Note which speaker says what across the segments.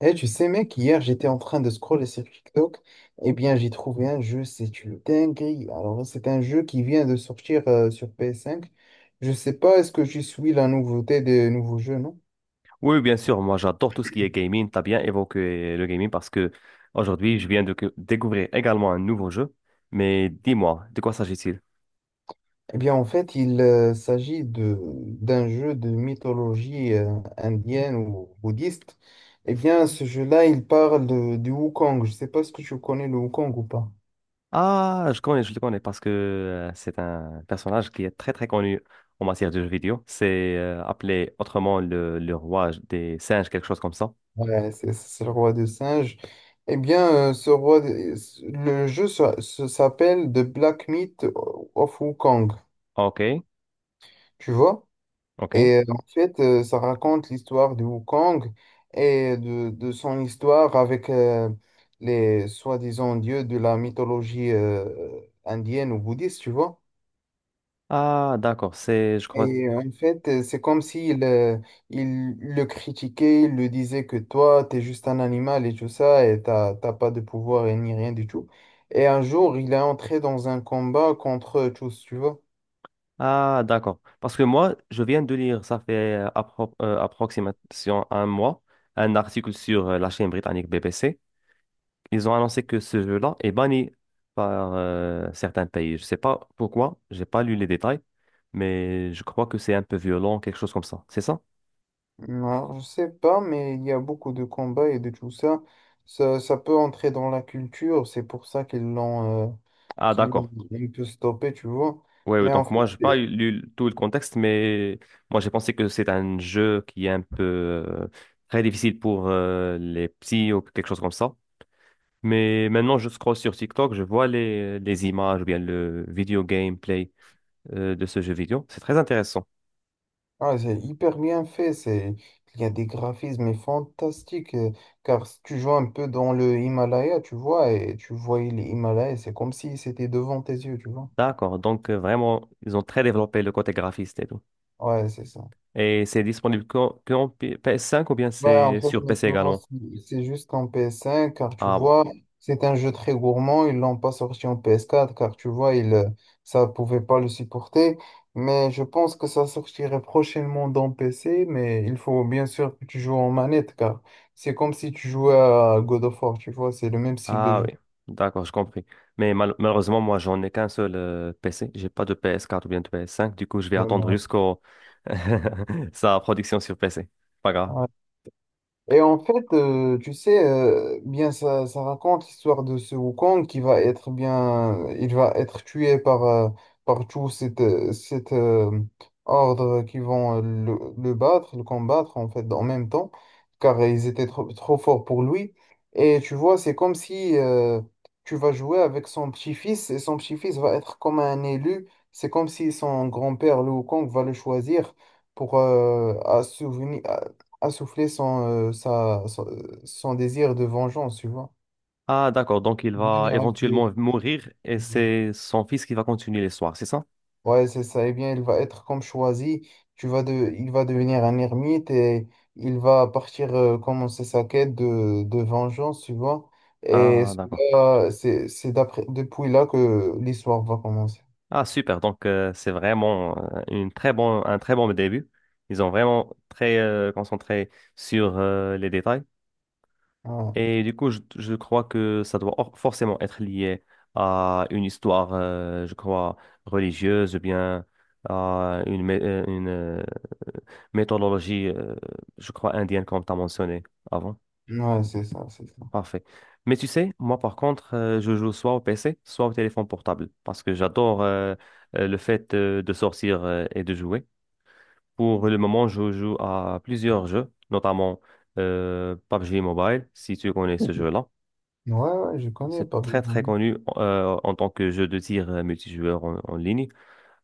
Speaker 1: Eh, tu sais, mec, hier, j'étais en train de scroller sur TikTok. Eh bien, j'ai trouvé un jeu, c'est une dinguerie. Alors, c'est un jeu qui vient de sortir sur PS5. Je sais pas, est-ce que je suis la nouveauté des nouveaux jeux, non?
Speaker 2: Oui, oui, bien sûr, moi j'adore tout ce qui est gaming. T'as bien évoqué le gaming parce que aujourd'hui je viens de découvrir également un nouveau jeu. Mais dis-moi, de quoi s'agit-il?
Speaker 1: Eh bien, en fait, il s'agit de d'un jeu de mythologie indienne ou bouddhiste. Eh bien, ce jeu-là, il parle du Wukong. Je sais pas ce que tu connais le Wukong ou pas.
Speaker 2: Ah, je connais, je le connais parce que c'est un personnage qui est très très connu en matière de jeux vidéo. C'est appelé autrement le roi des singes, quelque chose comme ça.
Speaker 1: Ouais, c'est le roi des singes. Eh bien, le jeu s'appelle The Black Myth of Wukong,
Speaker 2: Ok,
Speaker 1: tu vois?
Speaker 2: ok.
Speaker 1: Et en fait, ça raconte l'histoire de Wukong et de son histoire avec les soi-disant dieux de la mythologie indienne ou bouddhiste, tu vois?
Speaker 2: Ah, d'accord, c'est, je crois.
Speaker 1: Et en fait, c'est comme s'il il le critiquait, il le disait que toi, t'es juste un animal et tout ça, et t'as pas de pouvoir et ni rien du tout. Et un jour, il est entré dans un combat contre eux tous, tu vois.
Speaker 2: Ah, d'accord. Parce que moi, je viens de lire, ça fait approximation un mois, un article sur la chaîne britannique BBC. Ils ont annoncé que ce jeu-là est banni par certains pays. Je sais pas pourquoi, j'ai pas lu les détails, mais je crois que c'est un peu violent, quelque chose comme ça. C'est ça?
Speaker 1: Alors, je sais pas, mais il y a beaucoup de combats et de tout ça. Ça peut entrer dans la culture, c'est pour ça qu'ils l'ont euh,
Speaker 2: Ah,
Speaker 1: qu'ils l'ont
Speaker 2: d'accord.
Speaker 1: un peu stoppé, tu vois.
Speaker 2: Oui, ouais,
Speaker 1: Mais en
Speaker 2: donc
Speaker 1: fait,
Speaker 2: moi, j'ai pas
Speaker 1: c'est
Speaker 2: lu tout le contexte, mais moi, j'ai pensé que c'est un jeu qui est un peu très difficile pour les petits ou quelque chose comme ça. Mais maintenant, je scrolle sur TikTok, je vois les images ou bien le vidéo gameplay de ce jeu vidéo. C'est très intéressant.
Speaker 1: Ah, c'est hyper bien fait, il y a des graphismes fantastiques, car si tu joues un peu dans le Himalaya, tu vois, et tu voyais les Himalayas, c'est comme si c'était devant tes yeux, tu vois.
Speaker 2: D'accord. Donc, vraiment, ils ont très développé le côté graphiste et tout.
Speaker 1: Ouais, c'est ça.
Speaker 2: Et c'est disponible qu'en PS5 ou bien
Speaker 1: Bah, en
Speaker 2: c'est
Speaker 1: fait,
Speaker 2: sur PC
Speaker 1: maintenant,
Speaker 2: également?
Speaker 1: c'est juste en PS5, car tu
Speaker 2: Ah bon.
Speaker 1: vois, c'est un jeu très gourmand. Ils l'ont pas sorti en PS4, car tu vois, ça pouvait pas le supporter. Mais je pense que ça sortirait prochainement dans PC, mais il faut bien sûr que tu joues en manette, car c'est comme si tu jouais à God of War, tu vois, c'est le même style de
Speaker 2: Ah
Speaker 1: jeu.
Speaker 2: oui. D'accord, je compris. Mais malheureusement, moi, j'en ai qu'un seul PC. J'ai pas de PS4 ou bien de PS5. Du coup, je vais attendre
Speaker 1: Ouais.
Speaker 2: jusqu'au sa production sur PC. Pas grave.
Speaker 1: Et en fait, tu sais, bien ça, ça raconte l'histoire de ce Wukong qui va être bien, il va être tué par tout cet ordre qui vont le battre, le combattre en fait en même temps, car ils étaient trop, trop forts pour lui. Et tu vois, c'est comme si tu vas jouer avec son petit-fils et son petit-fils va être comme un élu. C'est comme si son grand-père, le Wukong, va le choisir pour à souvenir assouffler son désir de vengeance, tu vois.
Speaker 2: Ah, d'accord. Donc, il va
Speaker 1: Devenir un peu-
Speaker 2: éventuellement mourir et c'est son fils qui va continuer l'histoire, c'est ça?
Speaker 1: Ouais, c'est ça. Eh bien, il va être comme choisi. Il va devenir un ermite et il va partir commencer sa quête de vengeance, tu vois. Et
Speaker 2: Ah, d'accord.
Speaker 1: cela, c'est d'après depuis là que l'histoire va commencer.
Speaker 2: Ah, super. Donc, c'est vraiment un très bon début. Ils ont vraiment très concentré sur les détails.
Speaker 1: Ouais.
Speaker 2: Et du coup, je crois que ça doit forcément être lié à une histoire, je crois, religieuse ou bien à une méthodologie, je crois, indienne, comme tu as mentionné avant.
Speaker 1: Ouais, c'est ça, c'est ça.
Speaker 2: Parfait. Mais tu sais, moi par contre, je joue soit au PC, soit au téléphone portable, parce que j'adore le fait de sortir et de jouer. Pour le moment, je joue à plusieurs jeux, notamment PUBG Mobile, si tu connais ce jeu-là.
Speaker 1: Ouais, ouais, je connais
Speaker 2: C'est
Speaker 1: pas bien.
Speaker 2: très très connu en tant que jeu de tir multijoueur en ligne,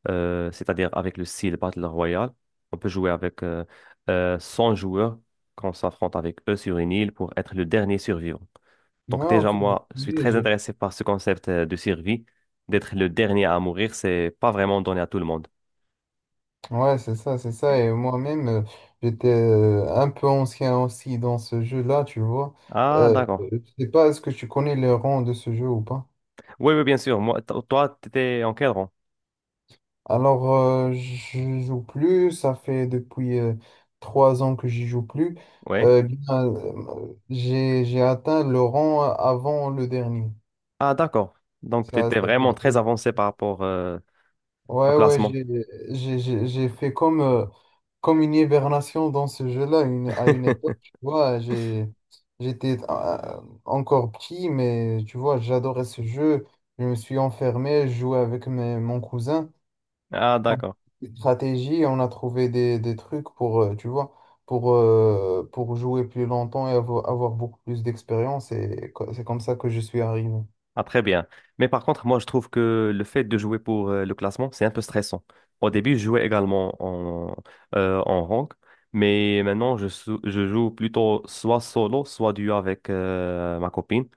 Speaker 2: c'est-à-dire avec le style Battle Royale. On peut jouer avec 100 joueurs quand on s'affronte avec eux sur une île pour être le dernier survivant. Donc
Speaker 1: Ouais, en
Speaker 2: déjà,
Speaker 1: fait, je
Speaker 2: moi, je suis très
Speaker 1: connais.
Speaker 2: intéressé par ce concept de survie. D'être le dernier à mourir, c'est pas vraiment donné à tout le monde.
Speaker 1: Ouais, c'est ça, c'est ça. Et moi-même, j'étais un peu ancien aussi dans ce jeu-là, tu vois.
Speaker 2: Ah, d'accord.
Speaker 1: Je sais pas, est-ce que tu connais les rangs de ce jeu ou pas?
Speaker 2: Oui, oui, bien sûr. Moi, toi, t'étais encadrant.
Speaker 1: Alors, je joue plus. Ça fait depuis 3 ans que j'y joue plus.
Speaker 2: Oui.
Speaker 1: Bien, j'ai atteint le rang avant le dernier.
Speaker 2: Ah, d'accord. Donc,
Speaker 1: Ça
Speaker 2: t'étais vraiment
Speaker 1: s'appelle.
Speaker 2: très avancé par rapport au
Speaker 1: Ouais, ouais,
Speaker 2: classement.
Speaker 1: j'ai fait comme une hibernation dans ce jeu-là à une époque, tu vois, j'étais encore petit, mais tu vois, j'adorais ce jeu. Je me suis enfermé, je jouais avec mon cousin.
Speaker 2: Ah, d'accord.
Speaker 1: Stratégie, on a trouvé des trucs tu vois, pour jouer plus longtemps et avoir, beaucoup plus d'expérience. Et c'est comme ça que je suis arrivé.
Speaker 2: Ah, très bien. Mais par contre, moi, je trouve que le fait de jouer pour le classement, c'est un peu stressant. Au début, je jouais également en rank, mais maintenant, je joue plutôt soit solo, soit duo avec ma copine.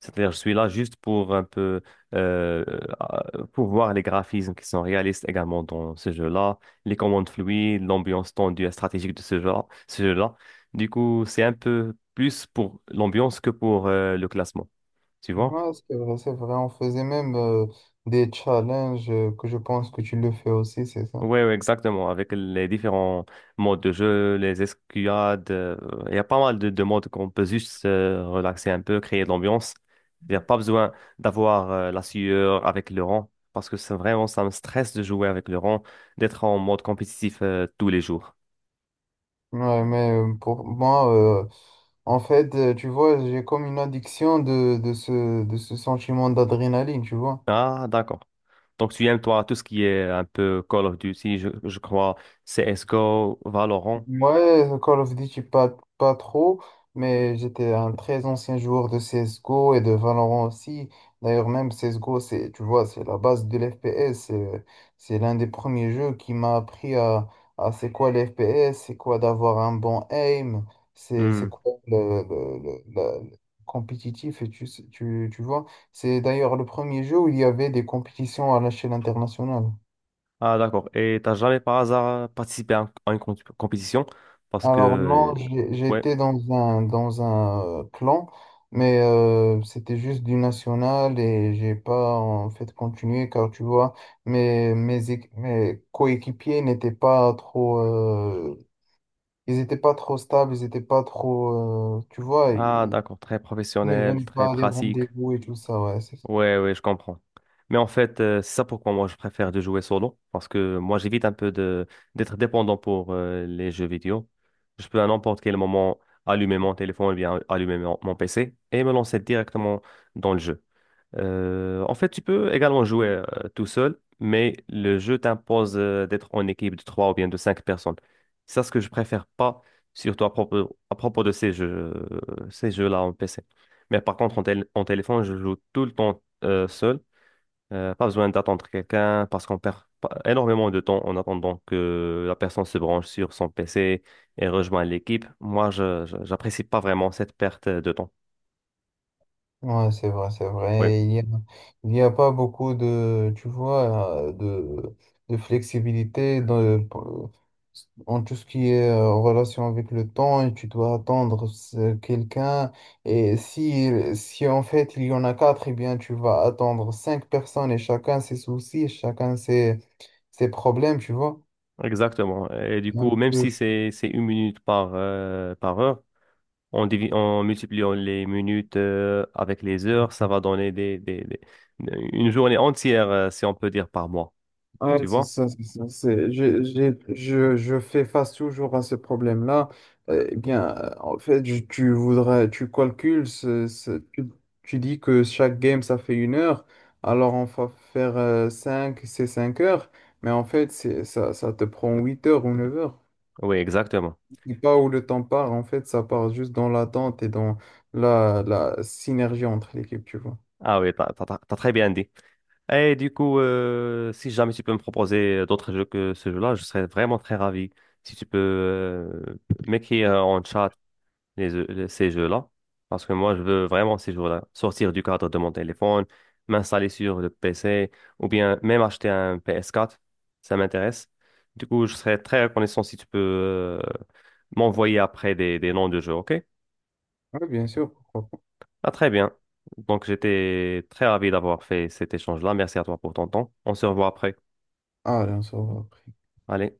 Speaker 2: C'est-à-dire, je suis là juste pour un peu pour voir les graphismes qui sont réalistes également dans ce jeu-là, les commandes fluides, l'ambiance tendue et stratégique de ce jeu-là. Du coup, c'est un peu plus pour l'ambiance que pour le classement, tu vois?
Speaker 1: Ouais, c'est vrai, c'est vrai. On faisait même des challenges que je pense que tu le fais aussi, c'est ça?
Speaker 2: Oui, exactement. Avec les différents modes de jeu, les escouades, il y a pas mal de modes qu'on peut juste relaxer un peu, créer de l'ambiance. Il n'y a pas besoin d'avoir la sueur avec le rang, parce que c'est vraiment, ça me stresse de jouer avec le rang, d'être en mode compétitif tous les jours.
Speaker 1: Ouais, mais pour moi, euh, en fait, tu vois, j'ai comme une addiction de ce sentiment d'adrénaline, tu vois.
Speaker 2: Ah, d'accord. Donc, tu aimes, toi, tout ce qui est un peu Call of Duty, je crois, CSGO, Valorant.
Speaker 1: Ouais, Call of Duty, pas, pas trop, mais j'étais un très ancien joueur de CSGO et de Valorant aussi. D'ailleurs, même CSGO, c'est, tu vois, c'est la base de l'FPS. C'est l'un des premiers jeux qui m'a appris à c'est quoi l'FPS, c'est quoi d'avoir un bon aim, c'est
Speaker 2: Hmm.
Speaker 1: quoi le compétitif, et tu vois. C'est d'ailleurs le premier jeu où il y avait des compétitions à l'échelle internationale.
Speaker 2: Ah, d'accord. Et t'as jamais par hasard participé à, à une compétition? Parce que,
Speaker 1: Alors non,
Speaker 2: ouais.
Speaker 1: j'étais dans un, clan, mais c'était juste du national et j'ai pas en fait continué car tu vois, mes coéquipiers n'étaient pas trop, ils étaient pas trop stables, ils étaient pas trop, tu vois,
Speaker 2: Ah,
Speaker 1: ils
Speaker 2: d'accord. Très
Speaker 1: ne
Speaker 2: professionnel,
Speaker 1: venaient
Speaker 2: très
Speaker 1: pas à des
Speaker 2: pratique.
Speaker 1: rendez-vous et tout ça, ouais, c'est.
Speaker 2: Ouais, ouais, je comprends. Mais en fait, c'est ça pourquoi moi je préfère de jouer solo. Parce que moi, j'évite un peu de d'être dépendant pour les jeux vidéo. Je peux à n'importe quel moment allumer mon téléphone ou bien allumer mon PC et me lancer directement dans le jeu. En fait, tu peux également jouer tout seul, mais le jeu t'impose d'être en équipe de trois ou bien de cinq personnes. C'est ça ce que je préfère pas, surtout à propos de ces jeux-là en PC. Mais par contre, en téléphone, je joue tout le temps seul. Pas besoin d'attendre quelqu'un parce qu'on perd pas- énormément de temps en attendant que la personne se branche sur son PC et rejoigne l'équipe. Moi, j'apprécie pas vraiment cette perte de temps.
Speaker 1: Ouais, c'est vrai, c'est vrai. Il y a pas beaucoup tu vois, de flexibilité en tout ce qui est en relation avec le temps et tu dois attendre quelqu'un. Et si en fait il y en a quatre, eh bien tu vas attendre 5 personnes et chacun ses soucis, chacun ses problèmes, tu vois.
Speaker 2: Exactement. Et du
Speaker 1: Un
Speaker 2: coup, même
Speaker 1: peu.
Speaker 2: si c'est une minute par, par heure, en multipliant les minutes avec les heures, ça va donner une journée entière, si on peut dire, par mois.
Speaker 1: Ouais,
Speaker 2: Tu
Speaker 1: c'est
Speaker 2: vois?
Speaker 1: ça, c'est ça. Je fais face toujours à ce problème-là. Eh bien, en fait, tu voudrais, tu calcules, tu dis que chaque game, ça fait 1 heure, alors on va faire 5 c'est 5 heures, mais en fait, ça, ça te prend 8 heures ou 9 heures.
Speaker 2: Oui, exactement.
Speaker 1: Et pas où le temps part, en fait, ça part juste dans l'attente et dans la synergie entre l'équipe, tu vois.
Speaker 2: Ah oui, t'as très bien dit. Et du coup, si jamais tu peux me proposer d'autres jeux que ce jeu-là, je serais vraiment très ravi. Si tu peux m'écrire en chat ces jeux-là. Parce que moi, je veux vraiment ces jours-là sortir du cadre de mon téléphone, m'installer sur le PC ou bien même acheter un PS4. Ça m'intéresse. Du coup, je serais très reconnaissant si tu peux m'envoyer après des noms de jeux, OK?
Speaker 1: Oui, bien sûr, pourquoi pas.
Speaker 2: Ah, très bien. Donc, j'étais très ravi d'avoir fait cet échange-là. Merci à toi pour ton temps. On se revoit après.
Speaker 1: Ah, allez, on se revoit après.
Speaker 2: Allez.